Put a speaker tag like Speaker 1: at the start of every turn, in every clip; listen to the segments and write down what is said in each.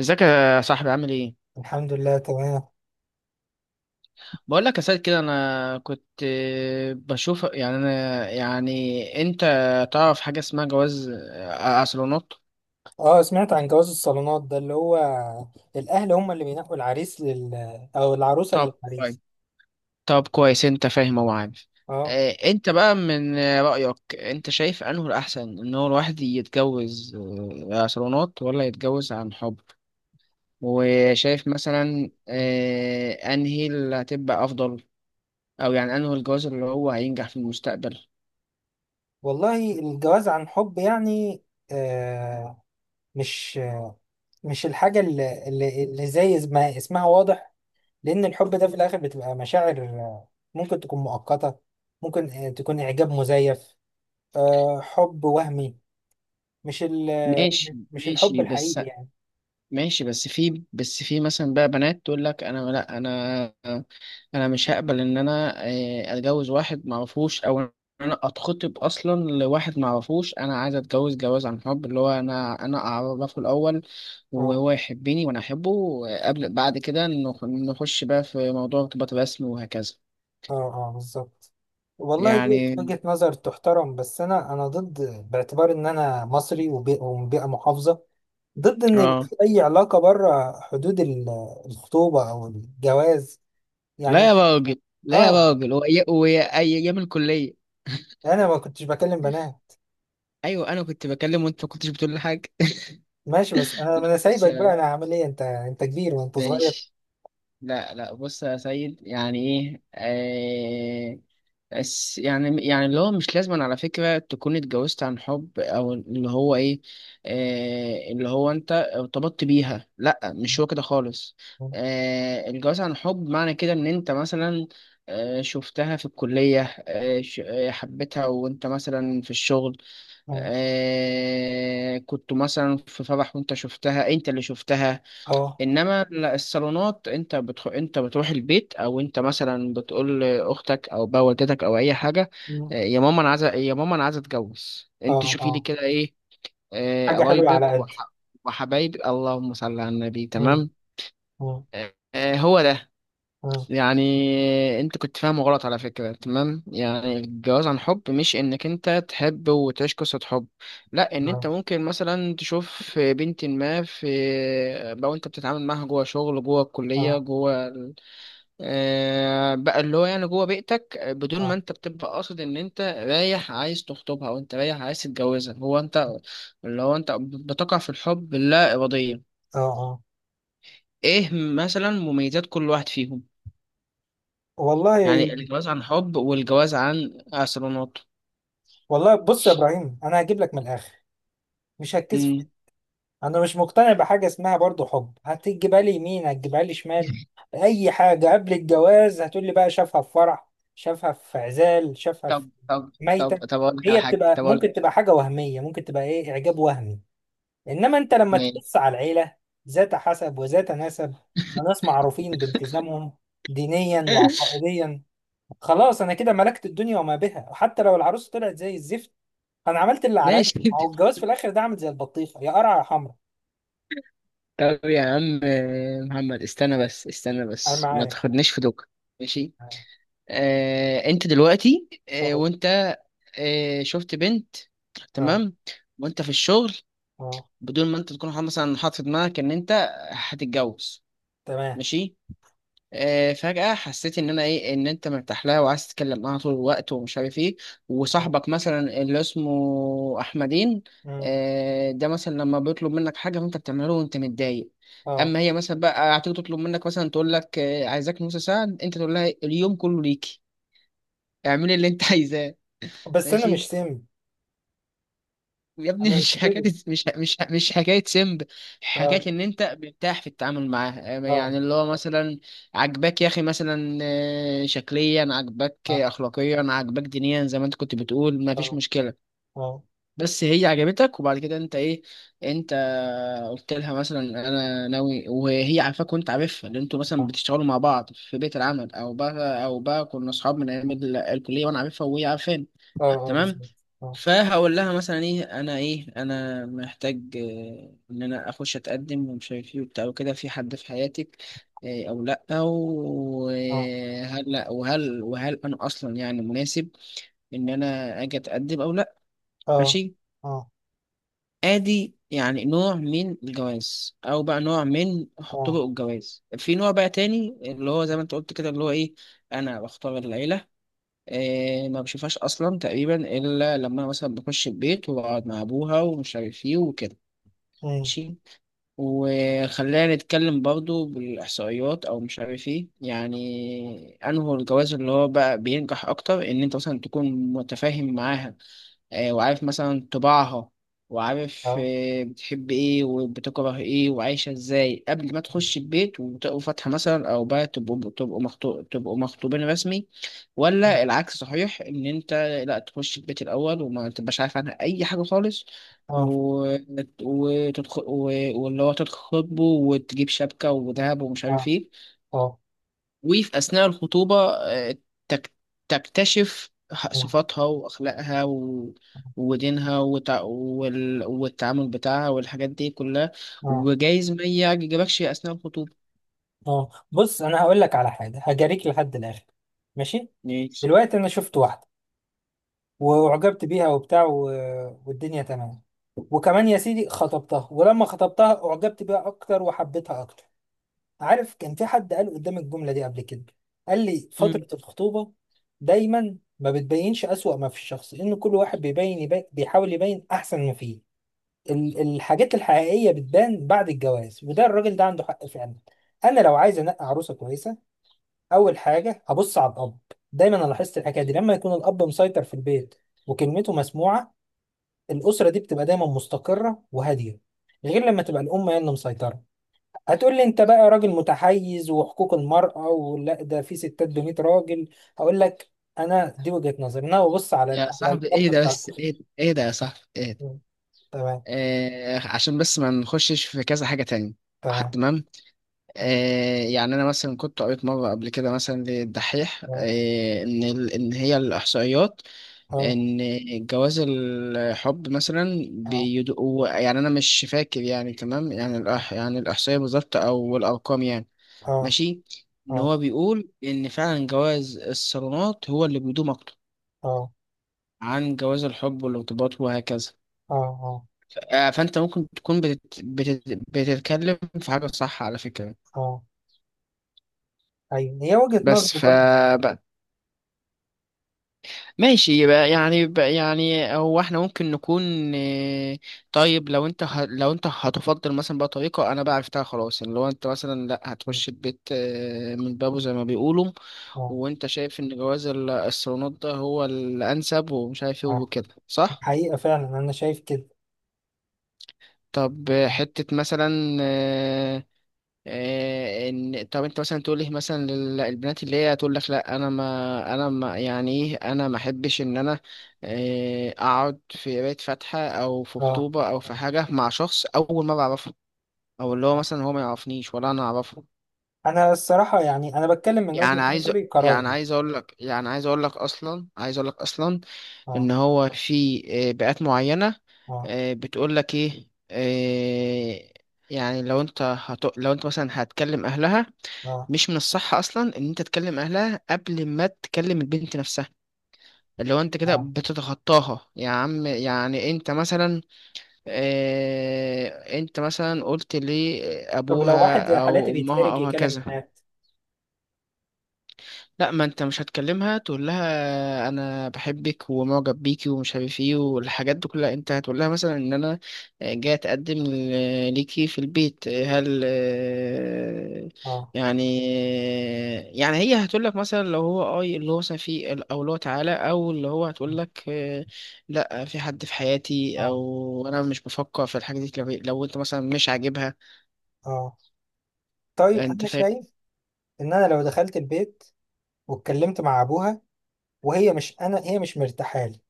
Speaker 1: ازيك يا صاحبي، عامل ايه؟
Speaker 2: الحمد لله، تمام.
Speaker 1: بقول لك يا سيد كده انا كنت بشوف يعني انا، يعني انت تعرف حاجه اسمها جواز اصالونات؟
Speaker 2: اه، سمعت عن جواز الصالونات ده اللي هو الاهل هم اللي بينقوا العريس او العروسه
Speaker 1: طب كويس.
Speaker 2: للعريس.
Speaker 1: طب كويس، انت فاهم، هو عارف.
Speaker 2: اه،
Speaker 1: انت بقى من رايك، انت شايف انه الاحسن ان هو الواحد يتجوز اصالونات ولا يتجوز عن حب؟ وشايف مثلا انهي اللي هتبقى افضل؟ او يعني انه الجواز اللي هو هينجح في المستقبل؟
Speaker 2: والله الجواز عن حب يعني، آه مش مش الحاجه اللي زي ما اسمها واضح. لان الحب ده في الاخر بتبقى مشاعر، ممكن تكون مؤقته. ممكن تكون اعجاب مزيف، حب وهمي. مش ال
Speaker 1: ماشي.
Speaker 2: مش الحب
Speaker 1: ماشي بس.
Speaker 2: الحقيقي يعني.
Speaker 1: ماشي بس في، مثلا بقى بنات تقول لك: انا لا، انا مش هقبل ان انا اتجوز واحد ما اعرفوش، او إن انا اتخطب اصلا لواحد ما اعرفوش، انا عايز اتجوز جواز عن حب، اللي هو انا اعرفه الاول
Speaker 2: اه،
Speaker 1: وهو يحبني وانا احبه. قبل، بعد كده نخش بقى في موضوع ارتباط رسمي وهكذا.
Speaker 2: اه، اه، بالظبط. والله دي
Speaker 1: يعني
Speaker 2: وجهة نظر تحترم، بس انا ضد. باعتبار ان انا مصري ومن بيئة محافظة، ضد ان يبقى
Speaker 1: اه.
Speaker 2: في اي علاقة بره حدود الخطوبة او الجواز
Speaker 1: لا
Speaker 2: يعني.
Speaker 1: يا راجل، لا يا
Speaker 2: اه،
Speaker 1: راجل، ايام الكلية
Speaker 2: انا ما كنتش بكلم بنات.
Speaker 1: ايوه انا كنت بكلم وانت ما كنتش بتقول لي حاجة
Speaker 2: ماشي، بس انا
Speaker 1: بس
Speaker 2: سايبك بقى، انا هعمل ايه، انت كبير وانت صغير.
Speaker 1: ماشي. لا لا بص يا سيد، يعني ايه بس، يعني، يعني اللي هو مش لازم على فكرة تكون اتجوزت عن حب، او اللي هو ايه، اللي هو انت ارتبطت بيها. لا، مش هو كده خالص. الجواز عن حب معنى كده ان انت مثلا شفتها في الكلية، حبيتها وانت مثلا في الشغل،
Speaker 2: اه،
Speaker 1: كنت مثلا في فرح وانت شفتها، انت اللي شفتها.
Speaker 2: اه،
Speaker 1: انما الصالونات انت انت بتروح البيت، او انت مثلا بتقول لاختك او بقى والدتك او اي حاجه: يا ماما انا عايزه، يا ماما انا عايزه اتجوز، انت
Speaker 2: اه،
Speaker 1: شوفي لي
Speaker 2: اه،
Speaker 1: كده ايه
Speaker 2: حاجة حلوة على
Speaker 1: قرايبك
Speaker 2: قدي.
Speaker 1: وحبايبي. اللهم صل على النبي.
Speaker 2: مم.
Speaker 1: تمام.
Speaker 2: مم.
Speaker 1: هو ده
Speaker 2: مم.
Speaker 1: يعني. انت كنت فاهمه غلط على فكرة، تمام؟ يعني الجواز عن حب مش انك انت تحب وتعيش قصة حب، لا، ان انت
Speaker 2: اه،
Speaker 1: ممكن مثلا تشوف بنت ما، في لو انت بتتعامل معاها جوه شغل، جوه الكلية،
Speaker 2: اه،
Speaker 1: جوه بقى اللي هو يعني جوه بيئتك بدون ما
Speaker 2: اه،
Speaker 1: انت بتبقى قاصد ان انت رايح عايز تخطبها او انت رايح عايز تتجوزها، هو انت اللي هو انت بتقع في الحب اللا ارادية.
Speaker 2: اه، آه.
Speaker 1: ايه مثلا مميزات كل واحد فيهم؟
Speaker 2: والله
Speaker 1: يعني الجواز عن حب والجواز عن استرونوت.
Speaker 2: والله بص يا ابراهيم، انا هجيب لك من الاخر، مش هتكسف.
Speaker 1: امم
Speaker 2: انا مش مقتنع بحاجه اسمها برضو حب، هتجيبها لي يمين هتجيبها لي شمال. اي حاجه قبل الجواز هتقول لي بقى شافها في فرح، شافها في عزال، شافها في
Speaker 1: طب طب. طب
Speaker 2: ميته.
Speaker 1: طب اقول لك على
Speaker 2: هي
Speaker 1: حاجه،
Speaker 2: بتبقى
Speaker 1: طب اقول لك
Speaker 2: ممكن تبقى حاجه وهميه، ممكن تبقى ايه، اعجاب وهمي. انما انت لما
Speaker 1: ماشي
Speaker 2: تبص على العيله، ذات حسب وذات نسب، وناس معروفين بالتزامهم دينيا وعقائديا، خلاص انا كده ملكت الدنيا وما بها. حتى لو العروسه طلعت زي الزفت، انا عملت اللي عليا.
Speaker 1: ماشي
Speaker 2: ما هو الجواز في الاخر ده عامل زي البطيخه، يا قرع يا حمرا.
Speaker 1: طب يا عم محمد، استنى بس، استنى
Speaker 2: انا
Speaker 1: بس، ما
Speaker 2: معاك.
Speaker 1: تاخدنيش في دوكا. ماشي.
Speaker 2: اه،
Speaker 1: انت دلوقتي
Speaker 2: اه،
Speaker 1: وانت شفت بنت،
Speaker 2: اه،
Speaker 1: تمام، وانت في الشغل،
Speaker 2: آه،
Speaker 1: بدون ما انت تكون مثلا حاطط في دماغك ان انت هتتجوز.
Speaker 2: تمام.
Speaker 1: ماشي. فجأة حسيت إن أنا إيه، إن أنت مرتاح لها وعايز تتكلم معاها طول الوقت ومش عارف إيه،
Speaker 2: اه.
Speaker 1: وصاحبك مثلا اللي اسمه أحمدين
Speaker 2: مم.
Speaker 1: ده مثلا لما بيطلب منك حاجة فأنت بتعمله له وأنت متضايق،
Speaker 2: آه.
Speaker 1: أما هي مثلا بقى هتيجي تطلب منك مثلا تقول لك عايزاك نص ساعة، أنت تقول لها اليوم كله ليكي، اعملي اللي أنت عايزاه.
Speaker 2: بس انا
Speaker 1: ماشي
Speaker 2: مش سامي،
Speaker 1: يا ابني،
Speaker 2: انا مش
Speaker 1: مش حكاية
Speaker 2: كده.
Speaker 1: مش حكاية سمب، حكاية
Speaker 2: اه،
Speaker 1: إن أنت مرتاح في التعامل معاه،
Speaker 2: اه،
Speaker 1: يعني اللي هو مثلا عجباك يا أخي، مثلا شكليا عجباك،
Speaker 2: اه،
Speaker 1: أخلاقيا عجباك، دينيا زي ما أنت كنت بتقول، مفيش
Speaker 2: اه،
Speaker 1: مشكلة.
Speaker 2: اه،
Speaker 1: بس هي عجبتك، وبعد كده أنت إيه، أنت قلت لها مثلا: أنا ناوي، وهي عارفاك وأنت عارفها، اللي أنتوا مثلا
Speaker 2: اه،
Speaker 1: بتشتغلوا مع بعض في بيت
Speaker 2: اه، آه،
Speaker 1: العمل، أو بقى، كنا أصحاب من أيام الكلية وأنا عارفها وهي عارفاني،
Speaker 2: آه، آه،
Speaker 1: تمام.
Speaker 2: بالظبط. اه،
Speaker 1: فهقول لها مثلا ايه، انا ايه، انا محتاج ان انا اخش اتقدم ومش عارف ايه وبتاع وكده، في حد في حياتك او لا؟
Speaker 2: اه،
Speaker 1: وهل، لا وهل، انا اصلا يعني مناسب ان انا اجي اتقدم او لا؟
Speaker 2: اه،
Speaker 1: ماشي.
Speaker 2: اه،
Speaker 1: ادي يعني نوع من الجواز او بقى نوع من
Speaker 2: اه،
Speaker 1: طرق الجواز. في نوع بقى تاني اللي هو زي ما انت قلت كده، اللي هو ايه، انا بختار العيلة، إيه ما بشوفهاش اصلا تقريبا الا لما انا مثلا بخش البيت واقعد مع ابوها ومش عارف ايه وكده.
Speaker 2: مم،
Speaker 1: ماشي. وخلينا نتكلم برضو بالاحصائيات او مش عارف ايه، يعني انه الجواز اللي هو بقى بينجح اكتر ان انت مثلا تكون متفاهم معاها، وعارف مثلا طباعها، وعارف
Speaker 2: اه،
Speaker 1: بتحب ايه وبتكره ايه وعايشة ازاي، قبل ما تخش البيت وتقروا فاتحة مثلا، او بقى تبقوا مخطوبين رسمي، ولا العكس صحيح ان انت لا تخش البيت الاول وما تبقاش عارف عنها اي حاجة خالص،
Speaker 2: اه،
Speaker 1: و... وتدخل و... واللي هو تتخطبه وتجيب شبكة وذهب ومش
Speaker 2: اه،
Speaker 1: عارف ايه.
Speaker 2: اه،
Speaker 1: وفي أثناء الخطوبة تك- تكتشف
Speaker 2: اه،
Speaker 1: صفاتها وأخلاقها و... ودينها وتع... وال... والتعامل بتاعها والحاجات دي كلها.
Speaker 2: اه،
Speaker 1: وجايز ما يعجبكش أثناء الخطوبة.
Speaker 2: آه. بص، انا هقول لك على حاجه، هجاريك لحد الاخر. ماشي.
Speaker 1: ماشي.
Speaker 2: دلوقتي انا شفت واحده، واعجبت بيها وبتاع، والدنيا تمام. وكمان يا سيدي خطبتها، ولما خطبتها اعجبت بيها اكتر وحبيتها اكتر. عارف، كان في حد قال قدام الجملة دي قبل كده، قال لي
Speaker 1: مم.
Speaker 2: فترة الخطوبة دايما ما بتبينش أسوأ ما في الشخص، إن كل واحد بيبين بيحاول يبين أحسن ما فيه. الحاجات الحقيقية بتبان بعد الجواز، وده الراجل ده عنده حق فعلا. أنا لو عايز أنقي عروسة كويسة، أول حاجة هبص على الأب. دايما أنا لاحظت الحكاية دي، لما يكون الأب مسيطر في البيت وكلمته مسموعة، الاسره دي بتبقى دايما مستقره وهاديه، غير لما تبقى الام هي اللي مسيطره. هتقول لي انت بقى راجل متحيز وحقوق المراه، ولا ده في ستات ب 100 راجل. هقول لك، انا دي وجهه نظري، انا ببص على
Speaker 1: يا
Speaker 2: على
Speaker 1: صاحبي
Speaker 2: الاب
Speaker 1: إيه ده،
Speaker 2: بتاع.
Speaker 1: بس إيه ده، إيه ده يا صاحبي إيه ده.
Speaker 2: مم. تمام.
Speaker 1: عشان بس ما نخشش في كذا حاجة تانية.
Speaker 2: تمام.
Speaker 1: تمام. يعني أنا مثلا كنت قريت مرة قبل كده مثلا للدحيح
Speaker 2: اه،
Speaker 1: إن إن هي الإحصائيات
Speaker 2: اه،
Speaker 1: ان جواز الحب مثلا
Speaker 2: اه،
Speaker 1: بيدقوا يعني، انا مش فاكر يعني، تمام يعني، يعني الاحصائيه بالظبط او الارقام يعني.
Speaker 2: اه،
Speaker 1: ماشي. ان
Speaker 2: اه،
Speaker 1: هو بيقول ان فعلا جواز الصالونات هو اللي بيدوم اكتر
Speaker 2: اه، اه،
Speaker 1: عن جواز الحب والارتباط وهكذا.
Speaker 2: اه،
Speaker 1: فانت ممكن تكون بتتكلم في حاجه صح على فكره.
Speaker 2: اه، ايوه، هي وجهه نظر
Speaker 1: بس ف
Speaker 2: برضه.
Speaker 1: ماشي. يبقى يعني بقى يعني، هو احنا ممكن نكون آه، طيب، لو انت لو انت هتفضل مثلا بقى، طريقة انا بقى عرفتها خلاص، يعني لو انت مثلا لا هتخش البيت من بابه زي ما بيقولوا،
Speaker 2: اه،
Speaker 1: وانت شايف ان جواز الصالونات ده هو الانسب ومش عارف ايه
Speaker 2: اه،
Speaker 1: وكده، صح؟
Speaker 2: حقيقه، فعلا انا شايف كده.
Speaker 1: طب حتة مثلا ان، طب انت مثلا تقول لي مثلا البنات اللي هي تقول لك: لا انا ما، يعني ايه، انا ما احبش ان انا اقعد في بيت فاتحه او في
Speaker 2: اه،
Speaker 1: خطوبه او في حاجه مع شخص اول ما بعرفه، او اللي هو
Speaker 2: آه.
Speaker 1: مثلا هو ما يعرفنيش ولا انا اعرفه.
Speaker 2: انا الصراحه يعني انا بتكلم من
Speaker 1: يعني
Speaker 2: وجهه
Speaker 1: عايز،
Speaker 2: نظري
Speaker 1: يعني
Speaker 2: كراجل.
Speaker 1: عايز اقول لك يعني عايز اقول لك اصلا عايز اقول لك اصلا ان
Speaker 2: اه،
Speaker 1: هو في بيئات معينه
Speaker 2: اه،
Speaker 1: بتقول لك ايه يعني لو انت لو انت مثلا هتكلم اهلها،
Speaker 2: اه،
Speaker 1: مش من الصح اصلا ان انت تكلم اهلها قبل ما تكلم البنت نفسها، اللي هو انت كده
Speaker 2: اه.
Speaker 1: بتتخطاها يا عم. يعني انت مثلا اه، انت مثلا قلت
Speaker 2: طب لو
Speaker 1: لابوها
Speaker 2: واحد زي حالاتي
Speaker 1: او امها
Speaker 2: بيتحرج
Speaker 1: او
Speaker 2: يكلم
Speaker 1: هكذا.
Speaker 2: بنات.
Speaker 1: لا، ما انت مش هتكلمها تقول لها انا بحبك ومعجب بيكي ومش عارف ايه والحاجات دي كلها، انت هتقول لها مثلا ان انا جاي اتقدم ليكي في البيت، هل
Speaker 2: اه،
Speaker 1: يعني، يعني هي هتقول لك مثلا لو هو اه اللي هو مثلا في او اللي هو تعالى او اللي هو
Speaker 2: اه،
Speaker 1: هتقول لك لا، في حد في حياتي،
Speaker 2: اه،
Speaker 1: او انا مش بفكر في الحاجه دي، لو، انت مثلا مش عاجبها.
Speaker 2: اه. طيب
Speaker 1: انت
Speaker 2: انا
Speaker 1: فاهم؟
Speaker 2: شايف ان انا لو دخلت البيت واتكلمت مع ابوها، وهي مش، انا هي مش مرتاحه لي،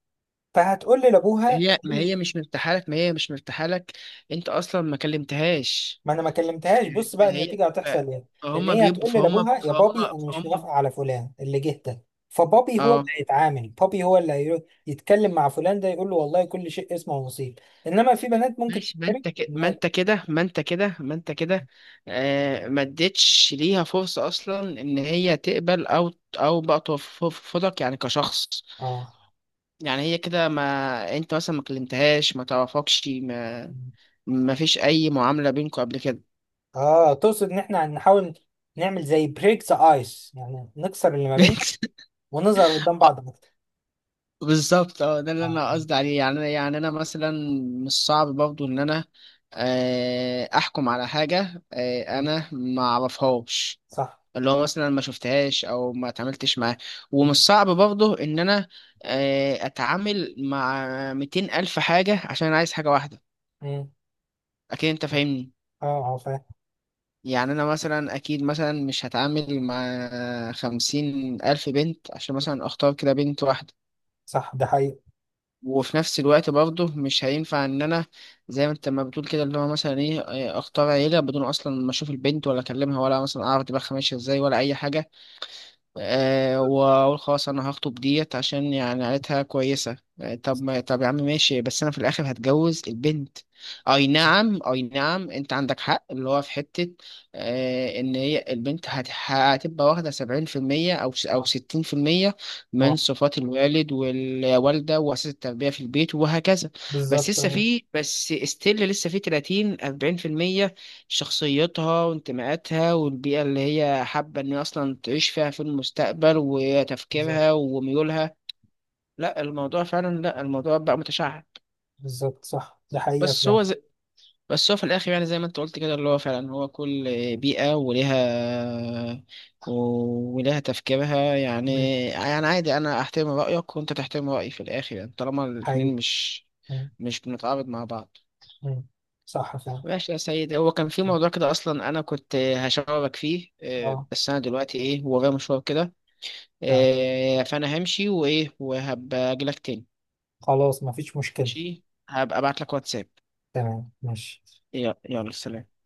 Speaker 2: فهتقول لي لابوها،
Speaker 1: هي ما هي مش مرتاحه لك، انت اصلا ما كلمتهاش.
Speaker 2: ما انا ما كلمتهاش. بص بقى
Speaker 1: فهي
Speaker 2: النتيجه هتحصل ايه، لان
Speaker 1: فهم
Speaker 2: هي
Speaker 1: بيبقوا
Speaker 2: هتقول لي
Speaker 1: فهم،
Speaker 2: لابوها: يا بابي، انا مش
Speaker 1: فهم،
Speaker 2: موافقه على فلان اللي جه ده. فبابي هو اللي
Speaker 1: اه.
Speaker 2: هيتعامل، بابي هو اللي يتكلم مع فلان ده، يقول له والله كل شيء اسمه ونصيب. انما في بنات ممكن
Speaker 1: ماشي
Speaker 2: تتحرج إن هي-
Speaker 1: ما انت كده ما انت كده. ما اديتش ليها فرصه اصلا ان هي تقبل او، او بقى ترفضك، يعني كشخص.
Speaker 2: اه،
Speaker 1: يعني هي كده ما، انت مثلا ما كلمتهاش، ما تعرفكش، ما، ما فيش اي معامله بينكم قبل كده
Speaker 2: اه، تقصد ان احنا نحاول نعمل زي بريك ذا ايس، يعني نكسر اللي ما بيننا ونظهر قدام بعض اكتر.
Speaker 1: بالظبط. اه ده اللي
Speaker 2: آه.
Speaker 1: انا قصدي عليه. يعني يعني انا مثلا مش صعب برضو ان انا احكم على حاجه
Speaker 2: م.
Speaker 1: انا ما اعرفهاش،
Speaker 2: صح.
Speaker 1: اللي هو مثلا ما شفتهاش او ما اتعاملتش معاها، ومش
Speaker 2: م.
Speaker 1: صعب برضو ان انا اتعامل مع 200 الف حاجه عشان أنا عايز حاجه واحده.
Speaker 2: م.
Speaker 1: اكيد انت فاهمني.
Speaker 2: اه، اه، فاهم.
Speaker 1: يعني انا مثلا اكيد مثلا مش هتعامل مع 50,000 بنت عشان مثلا اختار كده بنت واحده،
Speaker 2: صح، ده حقيقي.
Speaker 1: وفي نفس الوقت برضه مش هينفع ان انا زي ما انت ما بتقول كده، اللي هو مثلا ايه اختار عيله بدون اصلا ما اشوف البنت ولا اكلمها ولا مثلا اعرف دماغها ماشيه ازاي ولا اي حاجه، واقول خلاص انا هخطب ديت عشان يعني عيلتها كويسه. طب ما طب يا عم ماشي، بس انا في الاخر هتجوز البنت. اي نعم، اي نعم، انت عندك حق اللي هو في حته ان هي البنت هتبقى واخده 70%، او او
Speaker 2: اه،
Speaker 1: 60% من
Speaker 2: آه.
Speaker 1: صفات الوالد والوالده واساس التربيه في البيت وهكذا. بس
Speaker 2: بالظبط.
Speaker 1: لسه
Speaker 2: آه.
Speaker 1: في، بس استيل لسه في 30-40% شخصيتها وانتماءاتها والبيئة اللي هي حابة إن هي أصلا تعيش فيها في المستقبل
Speaker 2: بالظبط.
Speaker 1: وتفكيرها وميولها. لا الموضوع فعلا، لا الموضوع بقى متشعب.
Speaker 2: بالظبط، صح، ده حقيقة
Speaker 1: بس
Speaker 2: فعلا.
Speaker 1: هو زي، بس هو في الآخر يعني زي ما أنت قلت كده اللي هو فعلا، هو كل بيئة ولها، تفكيرها،
Speaker 2: م.
Speaker 1: يعني. يعني عادي، أنا أحترم رأيك وأنت تحترم رأيي في الآخر، يعني طالما الاتنين
Speaker 2: حقيقي.
Speaker 1: مش،
Speaker 2: م.
Speaker 1: مش بنتعارض مع بعض.
Speaker 2: م. صح فعلا.
Speaker 1: ماشي يا سيد، هو كان في
Speaker 2: م.
Speaker 1: موضوع كده اصلا انا كنت هشاورك فيه
Speaker 2: اه،
Speaker 1: بس انا دلوقتي ايه ورايا مشوار كده،
Speaker 2: تمام.
Speaker 1: فانا همشي وايه وهبقى اجي لك تاني.
Speaker 2: خلاص، مفيش مشكلة.
Speaker 1: ماشي، هبقى ابعت لك واتساب.
Speaker 2: تمام، ماشي.
Speaker 1: يلا يلا سلام.